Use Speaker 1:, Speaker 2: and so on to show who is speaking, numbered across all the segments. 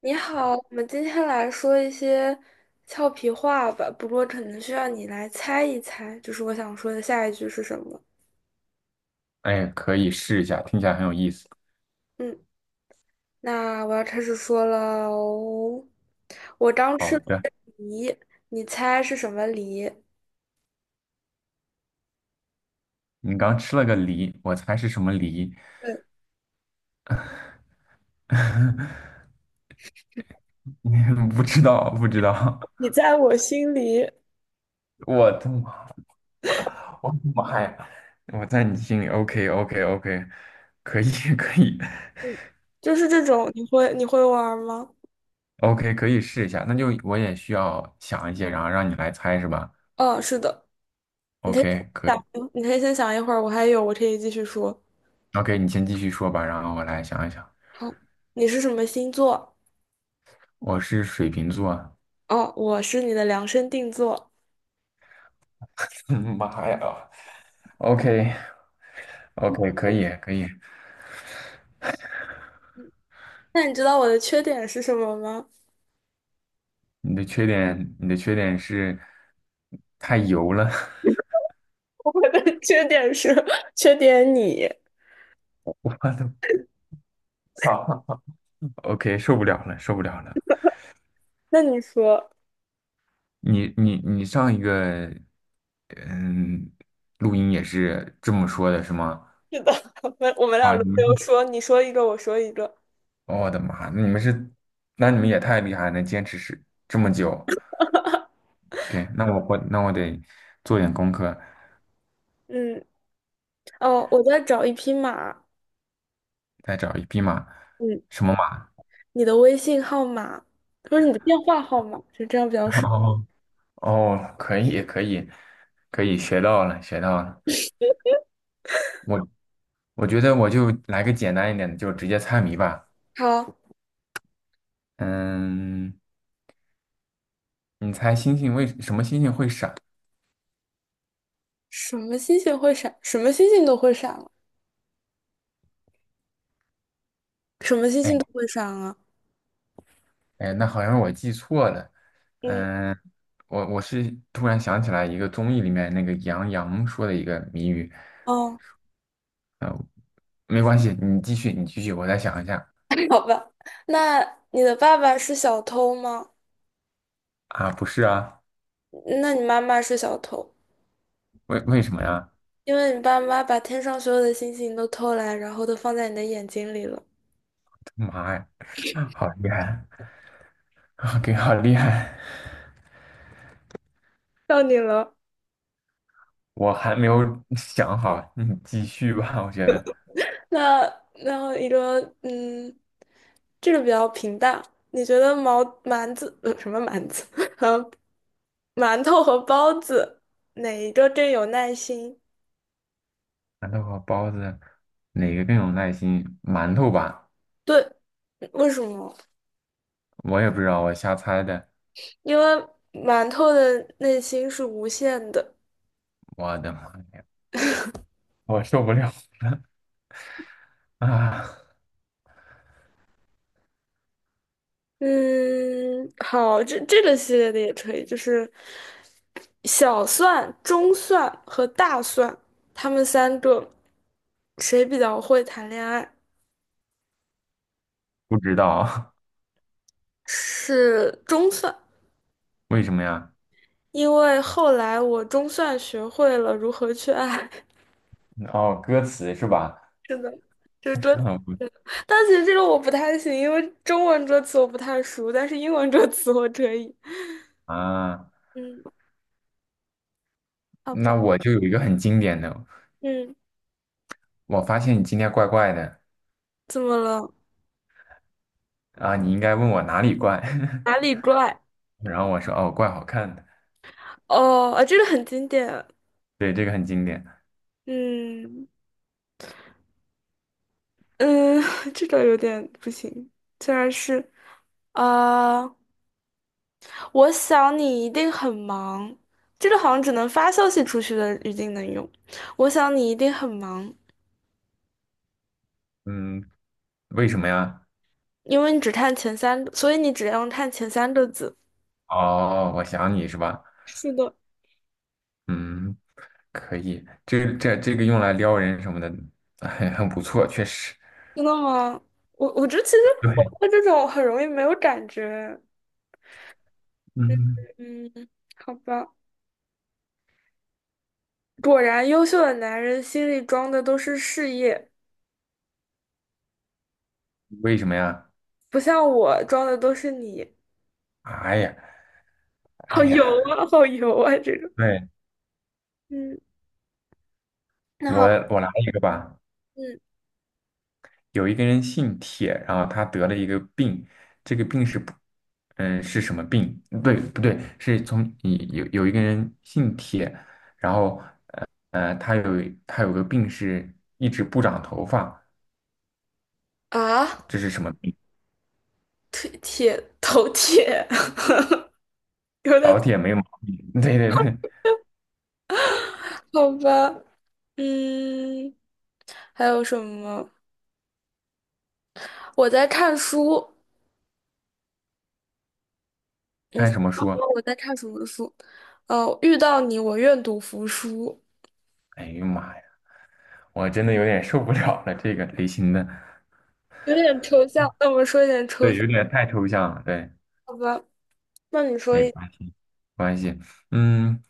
Speaker 1: 你好，我们今天来说一些俏皮话吧，不过可能需要你来猜一猜，就是我想说的下一句是什么。
Speaker 2: 哎，可以试一下，听起来很有意思。
Speaker 1: 嗯，那我要开始说了哦。我刚吃
Speaker 2: 好
Speaker 1: 了
Speaker 2: 的，
Speaker 1: 梨，你猜是什么梨？
Speaker 2: 你刚吃了个梨，我猜是什么梨？
Speaker 1: 对，
Speaker 2: 不知道，不知道。
Speaker 1: 你在我心里，
Speaker 2: 我的妈，我的妈呀！我在你心里，OK OK OK，可以可以
Speaker 1: 就是这种，你会玩吗？
Speaker 2: ，OK 可以试一下。那就我也需要想一些，然后让你来猜是吧
Speaker 1: 嗯，是的，你可以
Speaker 2: ？OK 可以
Speaker 1: 你可以先想一会儿，我还有，我可以继续说。
Speaker 2: ，OK 你先继续说吧，然后我来想一想。
Speaker 1: 好，你是什么星座？
Speaker 2: 我是水瓶座。
Speaker 1: 哦，我是你的量身定做。
Speaker 2: 妈呀！OK OK 可以可以。
Speaker 1: 那你知道我的缺点是什么吗？
Speaker 2: 你的缺点，你的缺点是太油了。
Speaker 1: 我的缺点是 缺点你。
Speaker 2: 我的操 OK，受不了了，受不了了。
Speaker 1: 那你说，
Speaker 2: 你上一个嗯录音也是这么说的，是吗？
Speaker 1: 是的，我们俩
Speaker 2: 啊，
Speaker 1: 轮
Speaker 2: 你们
Speaker 1: 流
Speaker 2: 是，
Speaker 1: 说，你说一个，我说一个。
Speaker 2: 我的妈，那你们是，那你们也太厉害了，能坚持是这么久。OK，那那我得做点功课，
Speaker 1: 嗯，哦，我在找一匹马。
Speaker 2: 再找一匹马，
Speaker 1: 嗯，
Speaker 2: 什么马？
Speaker 1: 你的微信号码，不是你的电话号码，就这样比 较顺。
Speaker 2: 哦哦，可以可以可以，学到了学到了。我。我觉得我就来个简单一点的，就直接猜谜吧。
Speaker 1: 好，
Speaker 2: 嗯，你猜星星为什么星星会闪？
Speaker 1: 什么星星会闪？什么星星都会闪了，什么星
Speaker 2: 哎
Speaker 1: 星都会闪啊？
Speaker 2: 哎，那好像是我记错了。
Speaker 1: 嗯，
Speaker 2: 嗯，我是突然想起来一个综艺里面那个杨洋说的一个谜语。
Speaker 1: 哦，
Speaker 2: 嗯，没关系，你继续，你继续，我再想一下。
Speaker 1: 好吧。那你的爸爸是小偷吗？
Speaker 2: 啊，不是啊，
Speaker 1: 那你妈妈是小偷？
Speaker 2: 为什么呀？
Speaker 1: 因为你爸妈把天上所有的星星都偷来，然后都放在你的眼睛里了。
Speaker 2: 妈呀，好厉害，给好厉害！
Speaker 1: 到你了。
Speaker 2: 我还没有想好，你继续吧，我觉得。
Speaker 1: 那然后一个，这个比较平淡。你觉得毛馒子呃什么馒子 和馒头和包子哪一个更有耐心？
Speaker 2: 馒头和包子哪个更有耐心？馒头吧，
Speaker 1: 对，为什么？
Speaker 2: 我也不知道，我瞎猜的。
Speaker 1: 因为馒头的内心是无限的。
Speaker 2: 我的妈呀，我受不了啊！
Speaker 1: 嗯，好，这个系列的也可以，就是小蒜、中蒜和大蒜，他们三个谁比较会谈恋爱？
Speaker 2: 不知道
Speaker 1: 是中蒜，
Speaker 2: 为什么呀？
Speaker 1: 因为后来我中蒜学会了如何去爱。
Speaker 2: 哦，歌词是吧？
Speaker 1: 真的，这歌词，
Speaker 2: 哦不
Speaker 1: 但其实这个我不太行，因为中文歌词我不太熟，但是英文歌词我可以。
Speaker 2: 啊，
Speaker 1: 嗯，好吧。
Speaker 2: 那我就有一个很经典的，
Speaker 1: 嗯，
Speaker 2: 我发现你今天怪怪的
Speaker 1: 怎么了？
Speaker 2: 啊，你应该问我哪里怪，
Speaker 1: 哪里怪？
Speaker 2: 然后我说哦，怪好看的，
Speaker 1: 哦，啊，这个很经典。
Speaker 2: 对，这个很经典。
Speaker 1: 嗯嗯，这个有点不行。竟然是，啊、我想你一定很忙。这个好像只能发消息出去的语境能用。我想你一定很忙，
Speaker 2: 嗯，为什么呀？
Speaker 1: 因为你只看前三个，所以你只要看前三个字。
Speaker 2: 哦，我想你是吧？
Speaker 1: 是的，
Speaker 2: 嗯，可以，这个用来撩人什么的，很不错，确实。
Speaker 1: 真的吗？我觉得其实我
Speaker 2: 对，
Speaker 1: 对这种很容易没有感觉。
Speaker 2: 嗯，
Speaker 1: 嗯，好吧。果然，优秀的男人心里装的都是事业，
Speaker 2: 为什么呀？
Speaker 1: 不像我装的都是你。
Speaker 2: 哎呀，哎
Speaker 1: 好油
Speaker 2: 呀，
Speaker 1: 啊，好油啊，这种。
Speaker 2: 对，
Speaker 1: 嗯，那
Speaker 2: 我
Speaker 1: 好，
Speaker 2: 我来一个吧。
Speaker 1: 嗯
Speaker 2: 有一个人姓铁，然后他得了一个病，这个病是不，嗯，是什么病？对，不对，是从有一个人姓铁，然后他有个病是一直不长头发，
Speaker 1: 啊，
Speaker 2: 这是什么病？
Speaker 1: 腿铁头铁，有点
Speaker 2: 老铁没毛病。对对对，
Speaker 1: 好吧。嗯，还有什么？我在看书。嗯，
Speaker 2: 看什么书啊？
Speaker 1: 我在看什么书？遇到你，我愿赌服输。
Speaker 2: 哎呀妈！呀！我真的有点受不了了，这个类型的，
Speaker 1: 有点抽象，那我们说一点抽
Speaker 2: 对，
Speaker 1: 象，
Speaker 2: 有点太抽象了，对，
Speaker 1: 好吧？那你说
Speaker 2: 没
Speaker 1: 一
Speaker 2: 关系，没关系，嗯，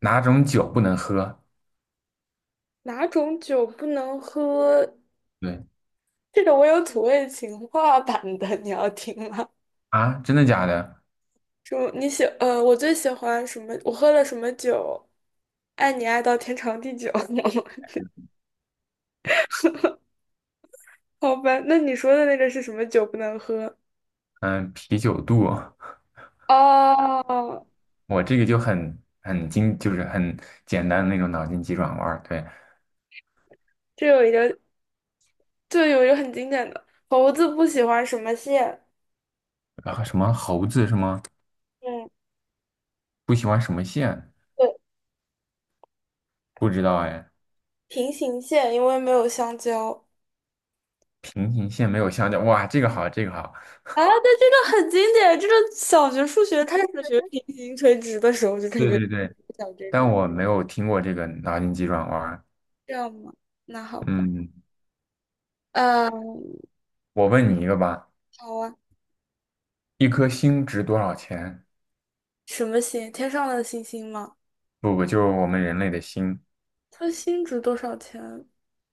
Speaker 2: 哪种酒不能喝？
Speaker 1: 哪种酒不能喝？
Speaker 2: 对
Speaker 1: 这个我有土味情话版的，你要听吗？
Speaker 2: 啊，真的假的？
Speaker 1: 就你喜呃，我最喜欢什么？我喝了什么酒？爱你爱到天长地久。好吧，那你说的那个是什么酒不能喝？
Speaker 2: 嗯，啤酒肚，
Speaker 1: 哦，
Speaker 2: 我这个就很很精，就是很简单的那种脑筋急转弯儿，对，
Speaker 1: 这有一个，这有一个很经典的，猴子不喜欢什么线？
Speaker 2: 然后什么猴子什么
Speaker 1: 嗯，
Speaker 2: 不喜欢什么线？
Speaker 1: 对，
Speaker 2: 不知道哎，
Speaker 1: 平行线，因为没有香蕉。
Speaker 2: 平行线没有相交，哇，这个好，这个好，
Speaker 1: 啊，那这个很经典，这个小学数学开始学平行垂直的时候就感
Speaker 2: 对
Speaker 1: 觉
Speaker 2: 对对，
Speaker 1: 讲这
Speaker 2: 但
Speaker 1: 个，
Speaker 2: 我没有听过这个脑筋急转弯儿
Speaker 1: 这样吗？那好吧，
Speaker 2: 嗯，
Speaker 1: 嗯，
Speaker 2: 我问你一个吧。
Speaker 1: 好啊，
Speaker 2: 一颗星值多少钱？
Speaker 1: 什么星？天上的星星吗？
Speaker 2: 不不，就是我们人类的心
Speaker 1: 它新值多少钱？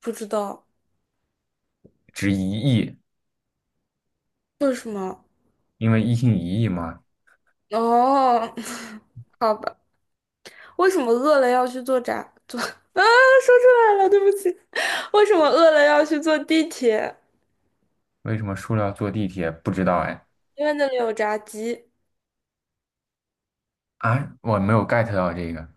Speaker 1: 不知道，
Speaker 2: 值一亿，
Speaker 1: 为什么？
Speaker 2: 因为一星一亿嘛。
Speaker 1: 哦，好吧，为什么饿了要去坐 啊，说出来了，对不起。为什么饿了要去坐地铁？
Speaker 2: 为什么塑料坐地铁？不知道哎。
Speaker 1: 因为那里有炸鸡
Speaker 2: 啊，我没有 get 到这个。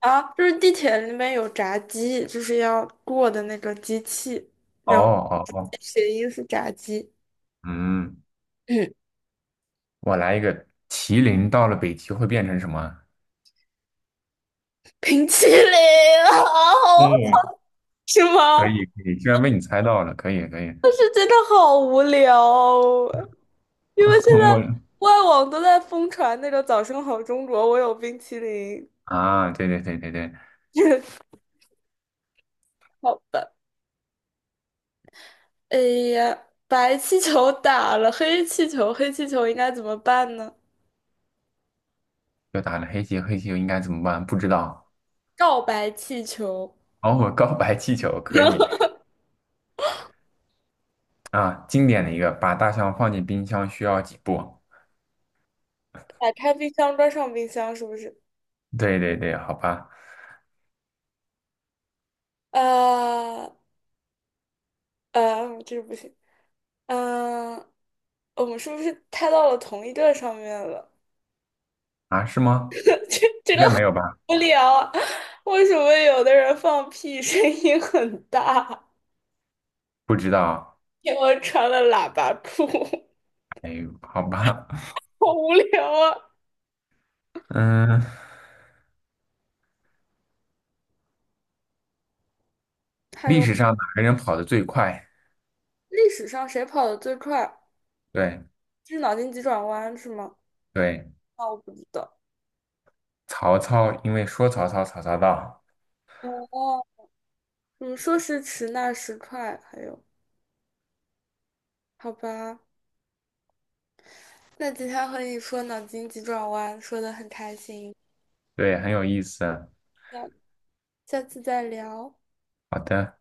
Speaker 1: 啊，就是地铁里面有炸鸡，就是要过的那个机器，
Speaker 2: 哦哦哦，
Speaker 1: 谐音是炸鸡。
Speaker 2: 嗯，
Speaker 1: 嗯，
Speaker 2: 我来一个，麒麟到了北极会变成什么？
Speaker 1: 冰淇淋啊，
Speaker 2: 嗯
Speaker 1: 是
Speaker 2: 可
Speaker 1: 吗？
Speaker 2: 以可以，居然被你猜到了，可以可以。
Speaker 1: 但是真的好无聊哦，因为 现在
Speaker 2: 我
Speaker 1: 外网都在疯传那个"早上好，中国"，我有冰淇淋。
Speaker 2: 啊，对对对对对，
Speaker 1: 好吧，哎呀，白气球打了黑气球，黑气球应该怎么办呢？
Speaker 2: 又打了黑棋，黑棋又应该怎么办？不知道。
Speaker 1: 告白气球，
Speaker 2: 哦，我告白气球可以啊，经典的一个，把大象放进冰箱需要几步？
Speaker 1: 打开冰箱，关上冰箱，是不是？
Speaker 2: 对对对，好吧，
Speaker 1: 呃这个不行。嗯、我们是不是太到了同一个上面了？
Speaker 2: 啊，是吗？
Speaker 1: 这这
Speaker 2: 应
Speaker 1: 个
Speaker 2: 该没有吧？
Speaker 1: 无聊，为什么有的人放屁声音很大？
Speaker 2: 不知道，
Speaker 1: 因为穿了喇叭裤，
Speaker 2: 哎呦，好吧，
Speaker 1: 好无聊啊！
Speaker 2: 嗯，
Speaker 1: 还
Speaker 2: 历
Speaker 1: 有
Speaker 2: 史上哪个人跑得最快？
Speaker 1: 历史上谁跑得最快？
Speaker 2: 对
Speaker 1: 这是脑筋急转弯是吗？
Speaker 2: 对，
Speaker 1: 啊，我不知道。
Speaker 2: 曹操，因为说曹操，曹操到，
Speaker 1: 哦，说时迟，那时快。还有，好吧，那今天和你说脑筋急转弯，说的很开心，
Speaker 2: 对，很有意思。
Speaker 1: 下下次再聊。
Speaker 2: 好的。